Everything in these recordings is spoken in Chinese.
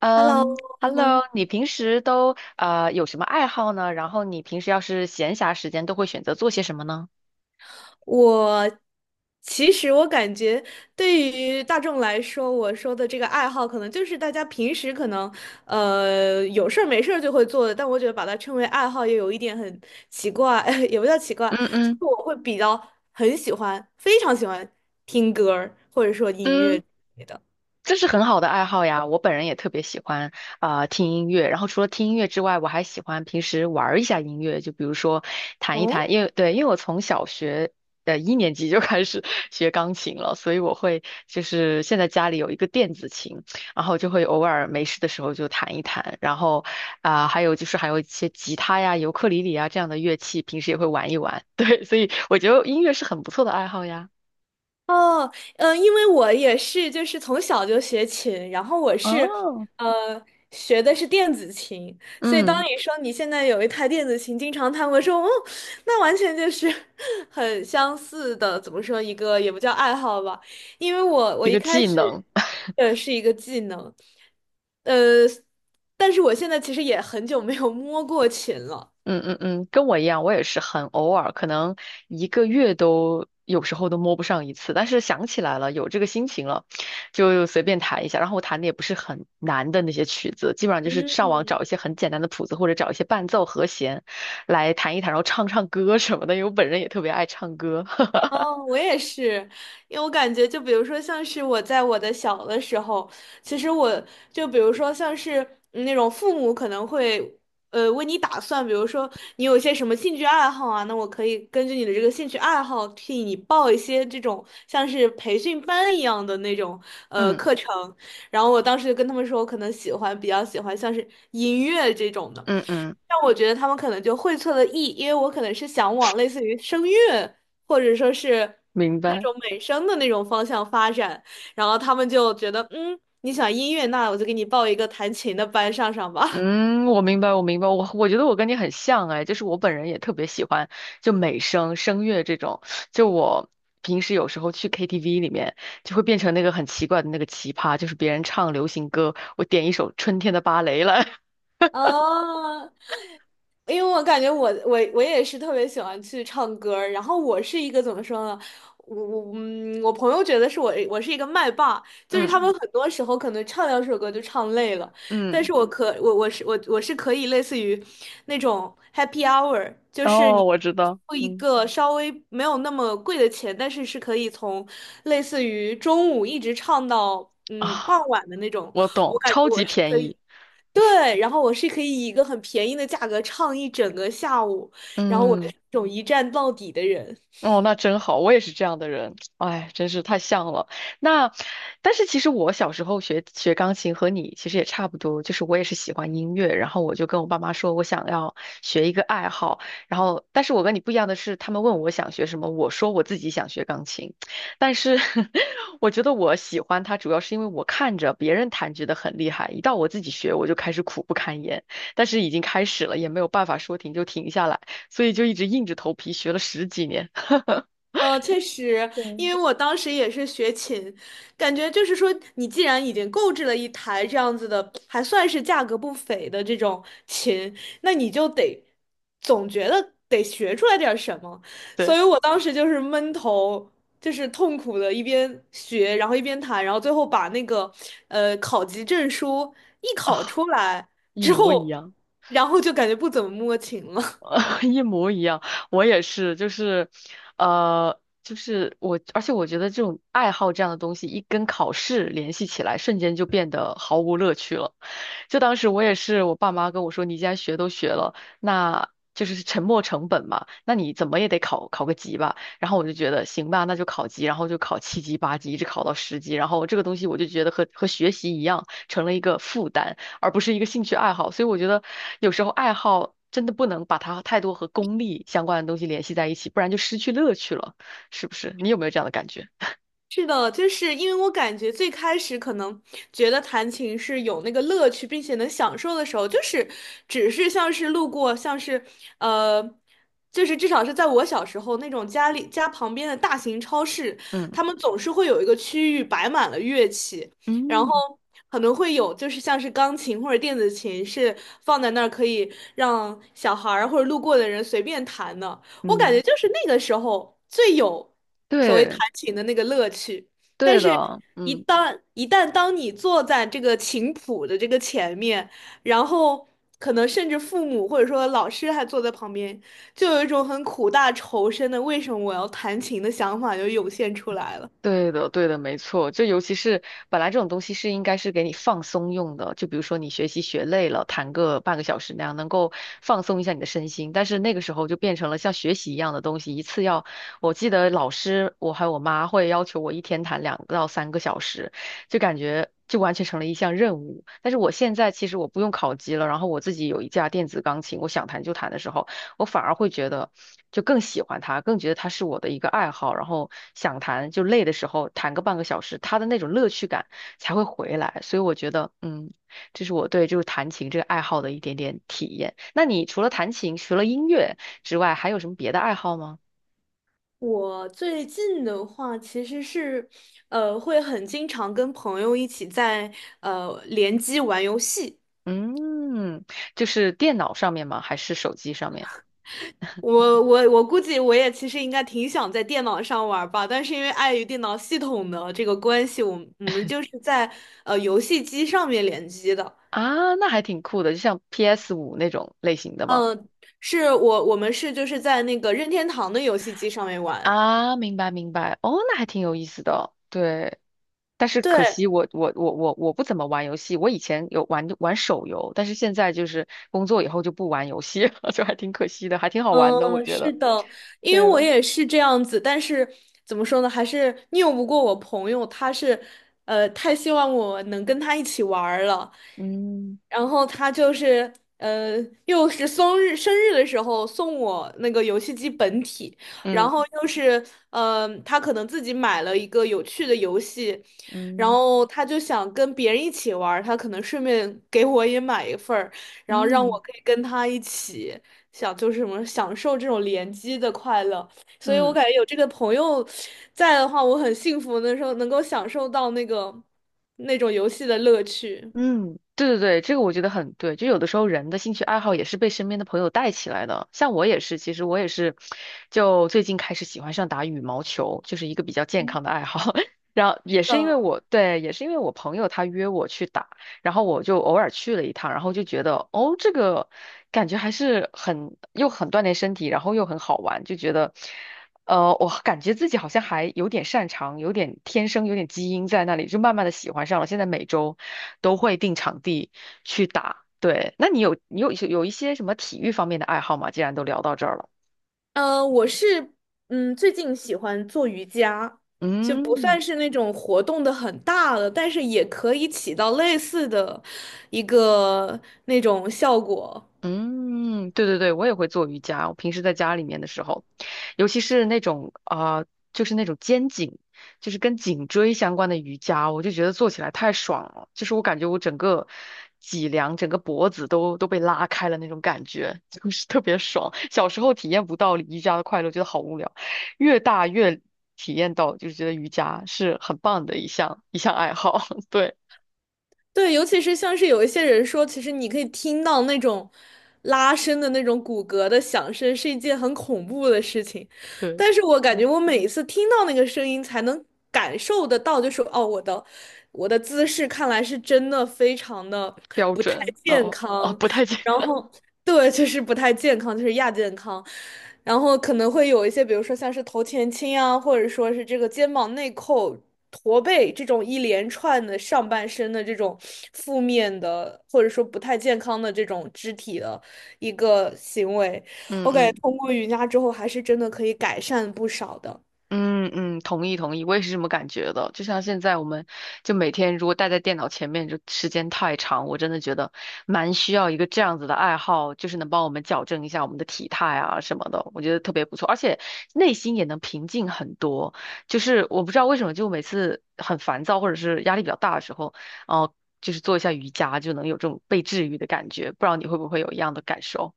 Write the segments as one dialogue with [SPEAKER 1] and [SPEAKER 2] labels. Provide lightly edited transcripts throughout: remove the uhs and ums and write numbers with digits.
[SPEAKER 1] 嗯
[SPEAKER 2] Hello，
[SPEAKER 1] ，Hello，你平时都有什么爱好呢？然后你平时要是闲暇时间都会选择做些什么呢？
[SPEAKER 2] 我其实我感觉对于大众来说，我说的这个爱好，可能就是大家平时可能有事儿没事儿就会做的，但我觉得把它称为爱好，也有一点很奇怪，也不叫奇怪，
[SPEAKER 1] 嗯
[SPEAKER 2] 就
[SPEAKER 1] 嗯
[SPEAKER 2] 是我会比较很喜欢，非常喜欢听歌儿或者说音乐
[SPEAKER 1] 嗯。
[SPEAKER 2] 之类的。
[SPEAKER 1] 这是很好的爱好呀，我本人也特别喜欢听音乐，然后除了听音乐之外，我还喜欢平时玩儿一下音乐，就比如说弹一弹，
[SPEAKER 2] 哦
[SPEAKER 1] 因为对，因为我从小学的1年级就开始 学钢琴了，所以我会就是现在家里有一个电子琴，然后就会偶尔没事的时候就弹一弹，然后还有就是还有一些吉他呀、尤克里里啊这样的乐器，平时也会玩一玩，对，所以我觉得音乐是很不错的爱好呀。
[SPEAKER 2] 哦，嗯，因为我也是，就是从小就学琴，然后我是，
[SPEAKER 1] 哦，
[SPEAKER 2] 呃，学的是电子琴，所以当
[SPEAKER 1] 嗯，
[SPEAKER 2] 你说你现在有一台电子琴，经常弹，我说，哦，那完全就是 很相似的，怎么说一个也不叫爱好吧，因为我
[SPEAKER 1] 一
[SPEAKER 2] 一
[SPEAKER 1] 个
[SPEAKER 2] 开
[SPEAKER 1] 技
[SPEAKER 2] 始
[SPEAKER 1] 能。
[SPEAKER 2] 的是一个技能，呃，但是我现在其实也很久没有摸过琴了，
[SPEAKER 1] 嗯嗯嗯，跟我一样，我也是很偶尔，可能一个月都有时候都摸不上一次，但是想起来了，有这个心情了，就随便弹一下。然后我弹的也不是很难的那些曲子，基本上就是上网
[SPEAKER 2] 嗯。
[SPEAKER 1] 找一些很简单的谱子，或者找一些伴奏和弦来弹一弹，然后唱唱歌什么的，因为我本人也特别爱唱歌。
[SPEAKER 2] 哦，我也是，因为我感觉，就比如说，像是我在我的小的时候，其实我就比如说，像是嗯那种父母可能会，为你打算，比如说你有一些什么兴趣爱好啊，那我可以根据你的这个兴趣爱好，替你报一些这种像是培训班一样的那种
[SPEAKER 1] 嗯
[SPEAKER 2] 课程。然后我当时就跟他们说，我可能喜欢比较喜欢像是音乐这种的。
[SPEAKER 1] 嗯嗯，
[SPEAKER 2] 但我觉得他们可能就会错了意，因为我可能是想往类似于声乐或者说是
[SPEAKER 1] 明
[SPEAKER 2] 那
[SPEAKER 1] 白。
[SPEAKER 2] 种美声的那种方向发展，然后他们就觉得，嗯，你想音乐，那我就给你报一个弹琴的班上上吧。
[SPEAKER 1] 嗯，我明白，我明白，我觉得我跟你很像哎，就是我本人也特别喜欢就美声、声乐这种，就我平时有时候去 KTV 里面就会变成那个很奇怪的那个奇葩，就是别人唱流行歌，我点一首《春天的芭蕾》来，
[SPEAKER 2] 哦，因为我感觉我也是特别喜欢去唱歌儿然后我是一个怎么说呢？我朋友觉得是我是一个麦霸，就是他
[SPEAKER 1] 嗯
[SPEAKER 2] 们很多时候可能唱两首歌就唱累了，但
[SPEAKER 1] 嗯，
[SPEAKER 2] 是我可我我是我我是可以类似于那种 happy hour，就是
[SPEAKER 1] 哦，
[SPEAKER 2] 你
[SPEAKER 1] 我知道，
[SPEAKER 2] 付一
[SPEAKER 1] 嗯
[SPEAKER 2] 个稍微没有那么贵的钱，但是是可以从类似于中午一直唱到傍
[SPEAKER 1] 啊，
[SPEAKER 2] 晚的那种，
[SPEAKER 1] 我
[SPEAKER 2] 我
[SPEAKER 1] 懂，
[SPEAKER 2] 感觉
[SPEAKER 1] 超
[SPEAKER 2] 我
[SPEAKER 1] 级
[SPEAKER 2] 是
[SPEAKER 1] 便
[SPEAKER 2] 可以。
[SPEAKER 1] 宜，
[SPEAKER 2] 对，然后我是可以以一个很便宜的价格唱一整个下午，然后我是
[SPEAKER 1] 嗯。
[SPEAKER 2] 那种一站到底的人。
[SPEAKER 1] 哦，那真好，我也是这样的人，哎，真是太像了。那，但是其实我小时候学钢琴和你其实也差不多，就是我也是喜欢音乐，然后我就跟我爸妈说我想要学一个爱好，然后但是我跟你不一样的是，他们问我想学什么，我说我自己想学钢琴，但是 我觉得我喜欢它主要是因为我看着别人弹觉得很厉害，一到我自己学我就开始苦不堪言，但是已经开始了，也没有办法说停就停下来，所以就一直硬着头皮学了十几年。
[SPEAKER 2] 哦，确实，因
[SPEAKER 1] 对
[SPEAKER 2] 为我当时也是学琴，感觉就是说，你既然已经购置了一台这样子的，还算是价格不菲的这种琴，那你就得总觉得得学出来点儿什么，所
[SPEAKER 1] 对
[SPEAKER 2] 以我当时就是闷头，就是痛苦的一边学，然后一边弹，然后最后把那个考级证书一考
[SPEAKER 1] 啊，
[SPEAKER 2] 出来
[SPEAKER 1] 一
[SPEAKER 2] 之
[SPEAKER 1] 模一
[SPEAKER 2] 后，
[SPEAKER 1] 样，
[SPEAKER 2] 然后就感觉不怎么摸琴了。
[SPEAKER 1] 一模一样。我也是，就是，就是我，而且我觉得这种爱好这样的东西，一跟考试联系起来，瞬间就变得毫无乐趣了。就当时我也是，我爸妈跟我说，你既然学都学了，那就是沉没成本嘛，那你怎么也得考考个级吧。然后我就觉得行吧，那就考级，然后就考7级、8级，一直考到10级。然后这个东西我就觉得和学习一样，成了一个负担。而不是一个兴趣爱好。所以我觉得有时候爱好真的不能把它太多和功利相关的东西联系在一起，不然就失去乐趣了，是不是？你有没有这样的感觉？
[SPEAKER 2] 是的，就是因为我感觉最开始可能觉得弹琴是有那个乐趣，并且能享受的时候，就是只是像是路过，像是呃，就是至少是在我小时候那种家里家旁边的大型超市，
[SPEAKER 1] 嗯
[SPEAKER 2] 他们总是会有一个区域摆满了乐器，然
[SPEAKER 1] 嗯
[SPEAKER 2] 后可能会有就是像是钢琴或者电子琴是放在那儿可以让小孩儿或者路过的人随便弹的。我感觉
[SPEAKER 1] 嗯，
[SPEAKER 2] 就是那个时候最有所谓弹
[SPEAKER 1] 对
[SPEAKER 2] 琴的那个乐趣，但
[SPEAKER 1] 对
[SPEAKER 2] 是
[SPEAKER 1] 的，
[SPEAKER 2] 一
[SPEAKER 1] 嗯。
[SPEAKER 2] 旦一旦当你坐在这个琴谱的这个前面，然后可能甚至父母或者说老师还坐在旁边，就有一种很苦大仇深的为什么我要弹琴的想法就涌现出来了。
[SPEAKER 1] 对的，对的，没错。就尤其是本来这种东西是应该是给你放松用的，就比如说你学习学累了，弹个半个小时那样，能够放松一下你的身心。但是那个时候就变成了像学习一样的东西，一次要，我记得老师，我还有我妈会要求我一天弹2到3个小时，就感觉就完全成了一项任务。但是我现在其实我不用考级了，然后我自己有一架电子钢琴，我想弹就弹的时候。我反而会觉得就更喜欢他，更觉得他是我的一个爱好，然后想弹就累的时候弹个半个小时，他的那种乐趣感才会回来。所以我觉得，嗯，这是我对就是弹琴这个爱好的一点点体验。那你除了弹琴，除了音乐之外，还有什么别的爱好吗？
[SPEAKER 2] 我最近的话，其实是，会很经常跟朋友一起在联机玩游戏。
[SPEAKER 1] 嗯，就是电脑上面吗？还是手机上面？
[SPEAKER 2] 我估计我也其实应该挺想在电脑上玩儿吧，但是因为碍于电脑系统的这个关系，我们就是在游戏机上面联机的。
[SPEAKER 1] 啊，那还挺酷的，就像 PS5那种类型的吗？
[SPEAKER 2] 嗯，是我们就是在那个任天堂的游戏机上面玩。
[SPEAKER 1] 啊，明白明白，哦，那还挺有意思的，对。但是可
[SPEAKER 2] 对，
[SPEAKER 1] 惜我不怎么玩游戏，我以前有玩玩手游，但是现在就是工作以后就不玩游戏了，就还挺可惜的，还挺好玩的，我
[SPEAKER 2] 嗯，
[SPEAKER 1] 觉
[SPEAKER 2] 是
[SPEAKER 1] 得。
[SPEAKER 2] 的，因
[SPEAKER 1] 对
[SPEAKER 2] 为我
[SPEAKER 1] 了，
[SPEAKER 2] 也是这样子，但是怎么说呢，还是拗不过我朋友，他是，太希望我能跟他一起玩儿了，
[SPEAKER 1] 嗯
[SPEAKER 2] 然后他就是，呃，又是生日的时候送我那个游戏机本体，然
[SPEAKER 1] 嗯
[SPEAKER 2] 后又是，他可能自己买了一个有趣的游戏，然
[SPEAKER 1] 嗯
[SPEAKER 2] 后他就想跟别人一起玩儿他可能顺便给我也买一份儿，然后让
[SPEAKER 1] 嗯
[SPEAKER 2] 我可以跟他一起。想就是什么享受这种联机的快乐，所以我
[SPEAKER 1] 嗯。
[SPEAKER 2] 感觉有这个朋友在的话，我很幸福的时候能够享受到那个那种游戏的乐趣。
[SPEAKER 1] 嗯，对对对，这个我觉得很对。就有的时候人的兴趣爱好也是被身边的朋友带起来的。像我也是，其实我也是，就最近开始喜欢上打羽毛球，就是一个比较健康的爱好。然后也是因为
[SPEAKER 2] 嗯，
[SPEAKER 1] 我，对，也是因为我朋友他约我去打，然后我就偶尔去了一趟，然后就觉得哦，这个感觉还是很又很锻炼身体，然后又很好玩，就觉得。呃，我感觉自己好像还有点擅长，有点天生有点基因在那里，就慢慢的喜欢上了。现在每周都会定场地去打。对，那你有一些什么体育方面的爱好吗？既然都聊到这儿了，
[SPEAKER 2] 呃，我是嗯最近喜欢做瑜伽，就不
[SPEAKER 1] 嗯。
[SPEAKER 2] 算是那种活动的很大的，但是也可以起到类似的一个那种效果。
[SPEAKER 1] 嗯，对对对，我也会做瑜伽。我平时在家里面的时候，尤其是那种就是那种肩颈，就是跟颈椎相关的瑜伽，我就觉得做起来太爽了。就是我感觉我整个脊梁、整个脖子都被拉开了那种感觉，就是特别爽。小时候体验不到瑜伽的快乐，觉得好无聊，越大越体验到，就是觉得瑜伽是很棒的一项爱好。对
[SPEAKER 2] 对，尤其是像是有一些人说，其实你可以听到那种拉伸的那种骨骼的响声，是一件很恐怖的事情。
[SPEAKER 1] 对，
[SPEAKER 2] 但是我感觉
[SPEAKER 1] 嗯
[SPEAKER 2] 我每一次听到那个声音，才能感受得到，就是哦，我的姿势看来是真的非常的
[SPEAKER 1] 标
[SPEAKER 2] 不太
[SPEAKER 1] 准
[SPEAKER 2] 健
[SPEAKER 1] 哦哦，
[SPEAKER 2] 康，
[SPEAKER 1] 不太健，
[SPEAKER 2] 然 后 对，就是不太健康，就是亚健康，然后可能会有一些，比如说像是头前倾啊，或者说是这个肩膀内扣、驼背这种一连串的上半身的这种负面的，或者说不太健康的这种肢体的一个行为。
[SPEAKER 1] 嗯
[SPEAKER 2] 我感觉
[SPEAKER 1] 嗯。
[SPEAKER 2] 通过瑜伽之后，还是真的可以改善不少的。
[SPEAKER 1] 嗯嗯，同意同意，我也是这么感觉的。就像现在，我们就每天如果待在电脑前面，就时间太长，我真的觉得蛮需要一个这样子的爱好，就是能帮我们矫正一下我们的体态啊什么的，我觉得特别不错，而且内心也能平静很多。就是我不知道为什么，就每次很烦躁或者是压力比较大的时候，哦、就是做一下瑜伽就能有这种被治愈的感觉。不知道你会不会有一样的感受？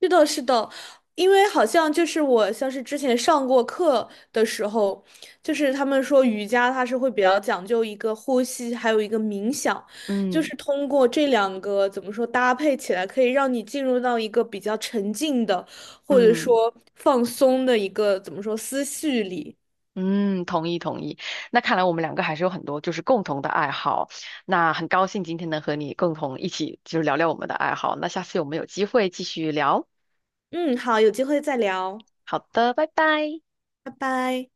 [SPEAKER 2] 是的，是的，因为好像就是我像是之前上过课的时候，就是他们说瑜伽它是会比较讲究一个呼吸，还有一个冥想，就
[SPEAKER 1] 嗯
[SPEAKER 2] 是通过这两个怎么说搭配起来，可以让你进入到一个比较沉静的，或者
[SPEAKER 1] 嗯。
[SPEAKER 2] 说放松的一个怎么说思绪里。
[SPEAKER 1] 嗯，同意同意。那看来我们两个还是有很多就是共同的爱好。那很高兴今天能和你共同一起就是聊聊我们的爱好。那下次我们有机会继续聊。
[SPEAKER 2] 嗯，好，有机会再聊，
[SPEAKER 1] 好的，拜拜。
[SPEAKER 2] 拜拜。